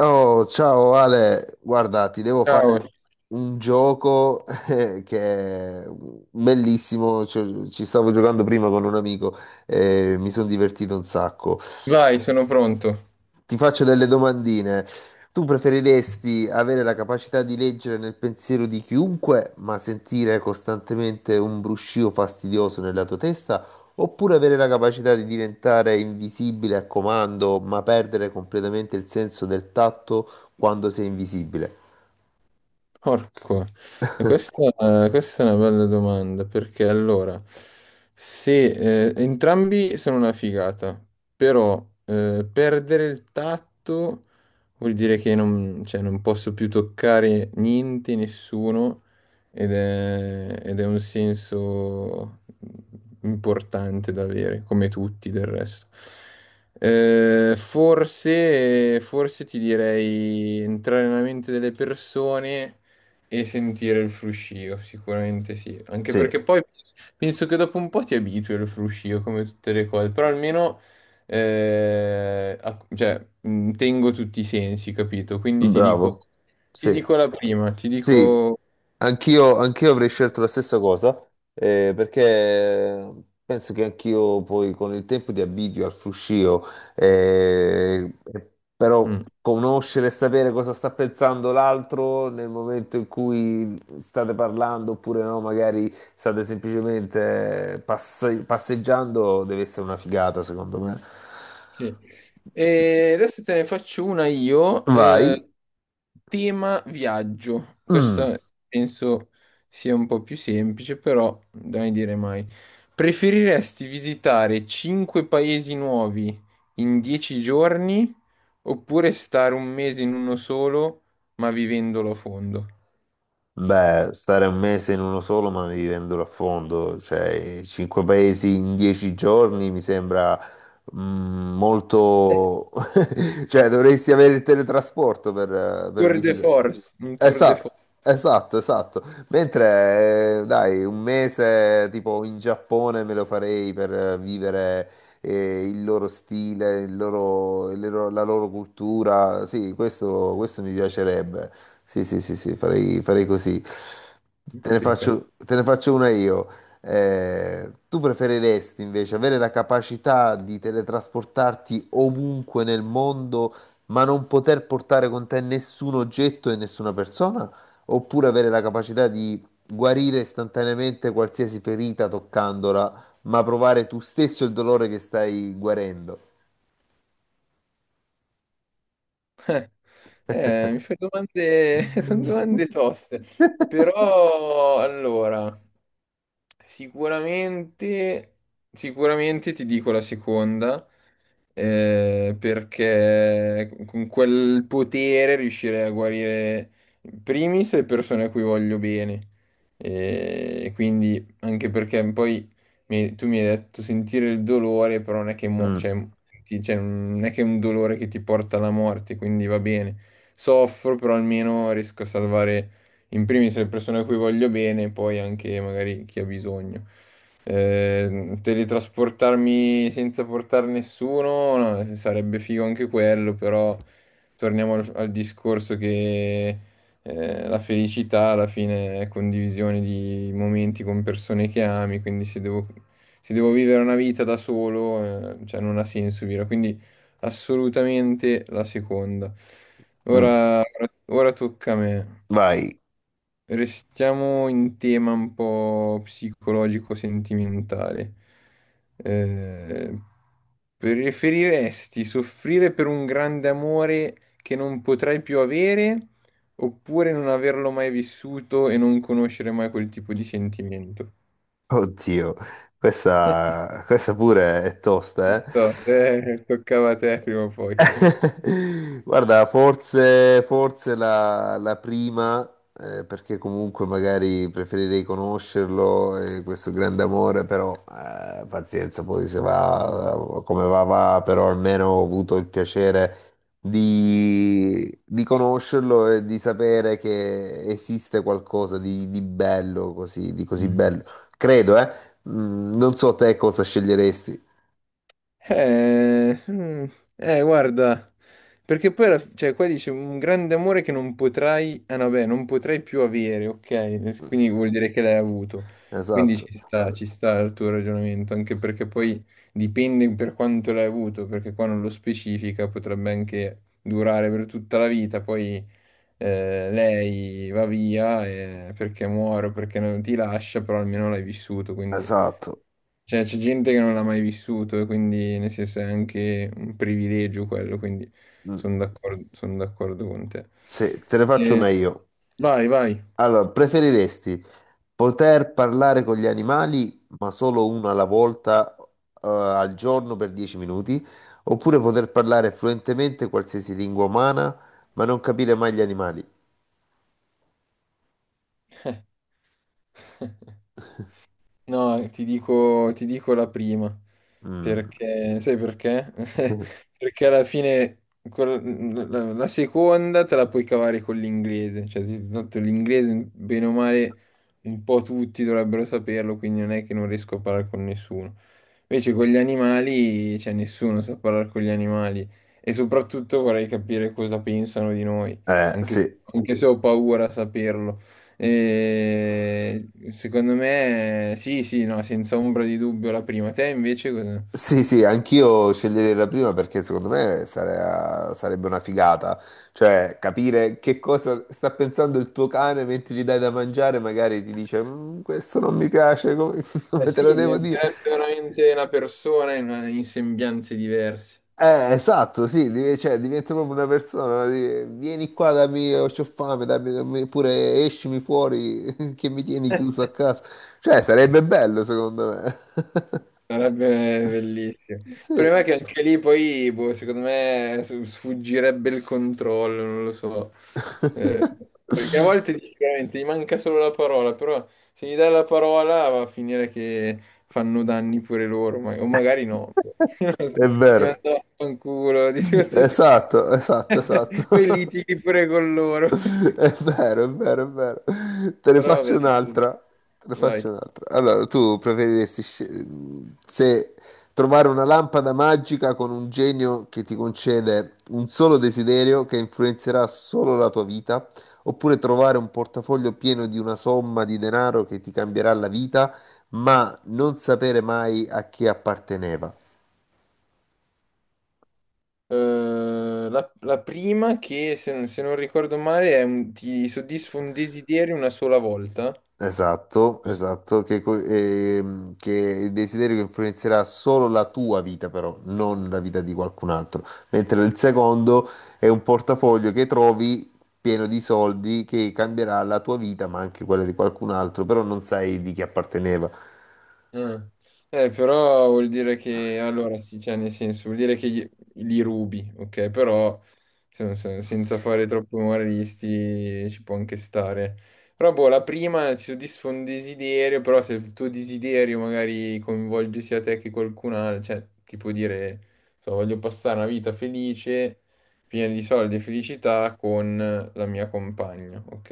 Oh, ciao Ale, guarda, ti devo Ciao, fare un gioco che è bellissimo, cioè, ci stavo giocando prima con un amico e mi sono divertito un sacco. vai, sono pronto. Ti faccio delle domandine. Tu preferiresti avere la capacità di leggere nel pensiero di chiunque, ma sentire costantemente un bruscio fastidioso nella tua testa, oppure avere la capacità di diventare invisibile a comando, ma perdere completamente il senso del tatto quando sei invisibile? Porco. E questa è una bella domanda perché allora, se entrambi sono una figata, però perdere il tatto vuol dire che non, cioè, non posso più toccare niente, nessuno ed è un senso importante da avere, come tutti del resto. Forse ti direi entrare nella mente delle persone e sentire il fruscio, sicuramente sì. Anche Sì, perché poi penso che dopo un po' ti abitui al fruscio, come tutte le cose. Però almeno tengo tutti i sensi, capito? Quindi bravo. ti Sì. dico la prima, ti Sì, dico... anch'io avrei scelto la stessa cosa, perché penso che anch'io poi con il tempo ti abitui al fruscio, eh, però mm. conoscere e sapere cosa sta pensando l'altro nel momento in cui state parlando, oppure no, magari state semplicemente passeggiando, deve essere una figata, secondo me. Sì. E adesso te ne faccio una io, Vai. Tema viaggio. Mm. Questa penso sia un po' più semplice, però dai dire mai. Preferiresti visitare 5 paesi nuovi in 10 giorni oppure stare un mese in uno solo, ma vivendolo a fondo? Beh, stare un mese in uno solo, ma vivendolo a fondo, cioè cinque paesi in dieci giorni mi sembra mm, molto... cioè dovresti avere il teletrasporto per Tour de visitare. force, un tour de Esatto, force, esatto, esatto. Mentre, dai, un mese tipo in Giappone me lo farei per vivere il loro stile, la loro cultura. Sì, questo mi piacerebbe. Sì, sì, sì, sì, farei, farei così. Capito? Te ne faccio una io. Tu preferiresti invece avere la capacità di teletrasportarti ovunque nel mondo, ma non poter portare con te nessun oggetto e nessuna persona, oppure avere la capacità di guarire istantaneamente qualsiasi ferita toccandola, ma provare tu stesso il dolore che stai guarendo. Eh, mi fai domande, sono domande toste, però allora, sicuramente, sicuramente ti dico la seconda, perché con quel potere riuscirei a guarire in primis le persone a cui voglio bene. E quindi, anche perché poi tu mi hai detto sentire il dolore, però non è che, mo- Mm, cioè, ti- cioè, non è che è un dolore che ti porta alla morte, quindi va bene. Soffro, però almeno riesco a salvare in primis le persone a cui voglio bene, e poi anche magari chi ha bisogno. Teletrasportarmi senza portare nessuno, no, sarebbe figo anche quello, però torniamo al discorso che la felicità alla fine è condivisione di momenti con persone che ami, quindi se devo, se devo vivere una vita da solo, cioè non ha senso vivere, quindi assolutamente la seconda. mm. Ora, ora tocca a me. Vai, Restiamo in tema un po' psicologico-sentimentale. Eh, preferiresti soffrire per un grande amore che non potrai più avere oppure non averlo mai vissuto e non conoscere mai quel tipo di sentimento? oddio, questa pure è Non tosta, eh? so, toccava a te prima o poi. Guarda, forse, forse la prima, perché comunque magari preferirei conoscerlo, questo grande amore, però pazienza, poi se va come va, va, però almeno ho avuto il piacere di conoscerlo e di sapere che esiste qualcosa di bello, così, di così bello. Credo, eh. Mm, non so te cosa sceglieresti. Eh, mm, guarda, perché poi, qua dice un grande amore che non potrai, ah, no, beh, non potrai più avere, ok? Eh, quindi vuol dire che l'hai avuto. Quindi Esatto, ci sta il tuo ragionamento, anche perché poi dipende per quanto l'hai avuto, perché qua non lo specifica, potrebbe anche durare per tutta la vita, poi lei va via perché muore o perché non ti lascia, però almeno l'hai vissuto, quindi... esatto. Cioè, c'è gente che non l'ha mai vissuto, e quindi nel senso è anche un privilegio quello, quindi Mm. Sono d'accordo con te. Se te ne faccio Eh, una io. vai, vai. Allora, preferiresti poter parlare con gli animali, ma solo una alla volta, al giorno per 10 minuti, oppure poter parlare fluentemente qualsiasi lingua umana, ma non capire mai gli animali? No, ti dico la prima, Mm. perché sai perché? Perché alla fine la seconda te la puoi cavare con l'inglese, cioè tanto l'inglese bene o male un po' tutti dovrebbero saperlo, quindi non è che non riesco a parlare con nessuno. Invece con gli animali, cioè nessuno sa parlare con gli animali e soprattutto vorrei capire cosa pensano di noi, anche sì. anche se ho paura a saperlo. E secondo me, sì, sì, no, senza ombra di dubbio la prima. Te invece cosa? Sì, sì, anch'io sceglierei la prima perché secondo me sarebbe una figata, cioè capire che cosa sta pensando il tuo cane mentre gli dai da mangiare, magari ti dice "Mm, questo non mi piace, come, Eh come te sì, lo devo dire?" diventerebbe veramente una persona in, in sembianze diverse. Esatto, sì, cioè, diventa proprio una persona, di- vieni qua, dammi, ho c'ho fame, dammi, dammi pure escimi fuori che mi tieni chiuso a casa, cioè sarebbe bello secondo me, Sarebbe bellissimo. Il sì, problema è che anche lì poi, boh, secondo me, sfuggirebbe il controllo, non lo so. Eh, perché a volte dici veramente gli manca solo la parola, però se gli dai la parola va a finire che fanno danni pure loro, ma- o magari no. Non lo so. è Ti vero. mandano a fanculo, di tutto di più. Esatto, esatto, Poi esatto. litighi pure con loro. È vero, è vero, è vero. Te ne Però faccio vabbè, sì. un'altra. Te ne Vai. faccio un'altra. Allora, tu preferiresti sce- se trovare una lampada magica con un genio che ti concede un solo desiderio che influenzerà solo la tua vita, oppure trovare un portafoglio pieno di una somma di denaro che ti cambierà la vita, ma non sapere mai a chi apparteneva? La, la prima che, se, non se non ricordo male, ti soddisfa un desiderio una sola volta. Esatto, esatto, che, che il desiderio che influenzerà solo la tua vita, però, non la vita di qualcun altro. Mentre il secondo è un portafoglio che trovi pieno di soldi che cambierà la tua vita, ma anche quella di qualcun altro, però non sai di chi apparteneva. Ah. Però vuol dire che, allora sì, cioè nel senso, vuol dire che li rubi, ok? Però senza fare troppo umoristi ci può anche stare. Però boh, la prima ti soddisfa un desiderio, però se il tuo desiderio magari coinvolge sia te che qualcun altro, cioè ti può dire, so, voglio passare una vita felice, piena di soldi e felicità con la mia compagna, ok?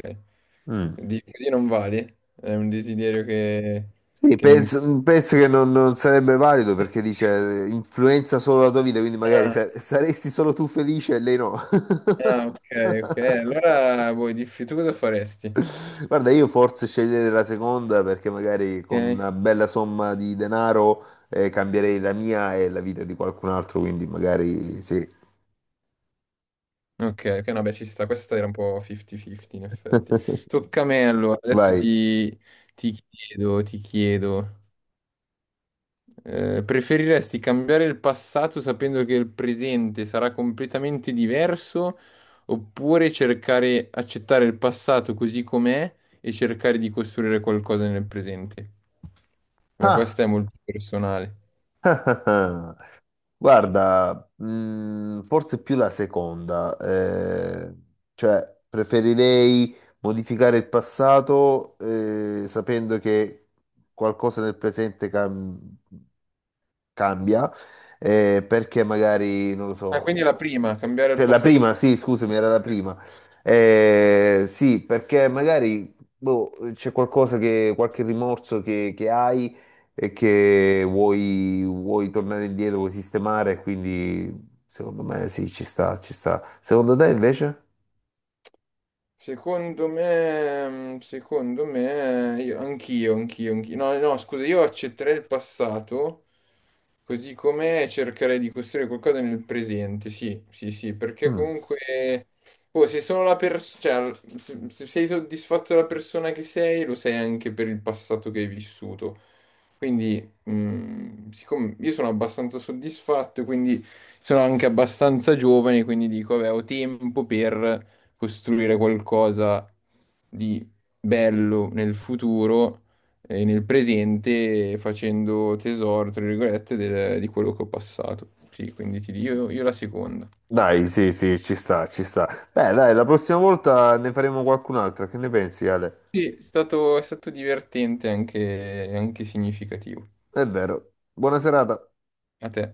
Mm. Così non vale, è un desiderio Sì, che non penso, mm, penso che non, non sarebbe valido perché dice influenza solo la tua vita, quindi magari ah, saresti solo tu felice e lei no. ah, ok, ok. Allora vuoi diffi tu cosa faresti? Guarda, io forse sceglierei la seconda perché magari con Ok, una bella somma di denaro cambierei la mia e la vita di qualcun altro, quindi magari sì. ok, ok, no, beh, ci sta. Questa era un po' 50-50 in effetti. Tocca a me allora. Adesso Vai. ti, ti chiedo, ti chiedo. Eh, preferiresti cambiare il passato sapendo che il presente sarà completamente diverso oppure cercare, accettare il passato così com'è e cercare di costruire qualcosa nel presente? Beh, Ah, questa è molto personale. ah, ah, ah. Guarda, forse più la seconda, cioè preferirei modificare il passato sapendo che qualcosa nel presente cambia, perché magari, non lo Ah, so. quindi la prima, cambiare il Cioè, la passato. prima, sì, scusami, era la prima. Sì, perché magari boh, qualche rimorso che hai e che vuoi tornare indietro, vuoi sistemare, quindi secondo me sì, ci sta, ci sta. Secondo te invece? Secondo me, mm, secondo me, io- anch'io, anch'io, anch'io. No, no, scusa, io accetterei il passato così com'è e cercherei di costruire qualcosa nel presente, sì, sì, sì, perché Mm. comunque, oh, se sono la persona, cioè se sei soddisfatto della persona che sei, lo sei anche per il passato che hai vissuto. Quindi, mm, siccome io sono abbastanza soddisfatto, quindi sono anche abbastanza giovane, quindi dico, vabbè, ho tempo per costruire qualcosa di bello nel futuro e nel presente facendo tesoro, tra virgolette, di quello che ho passato. Sì, quindi ti dico io la seconda. Dai, sì, sì, ci sta, ci sta. Beh, dai, la prossima volta ne faremo qualcun'altra, che ne pensi, Ale? Sì, è stato divertente anche, anche significativo. È vero. Buona serata. A te.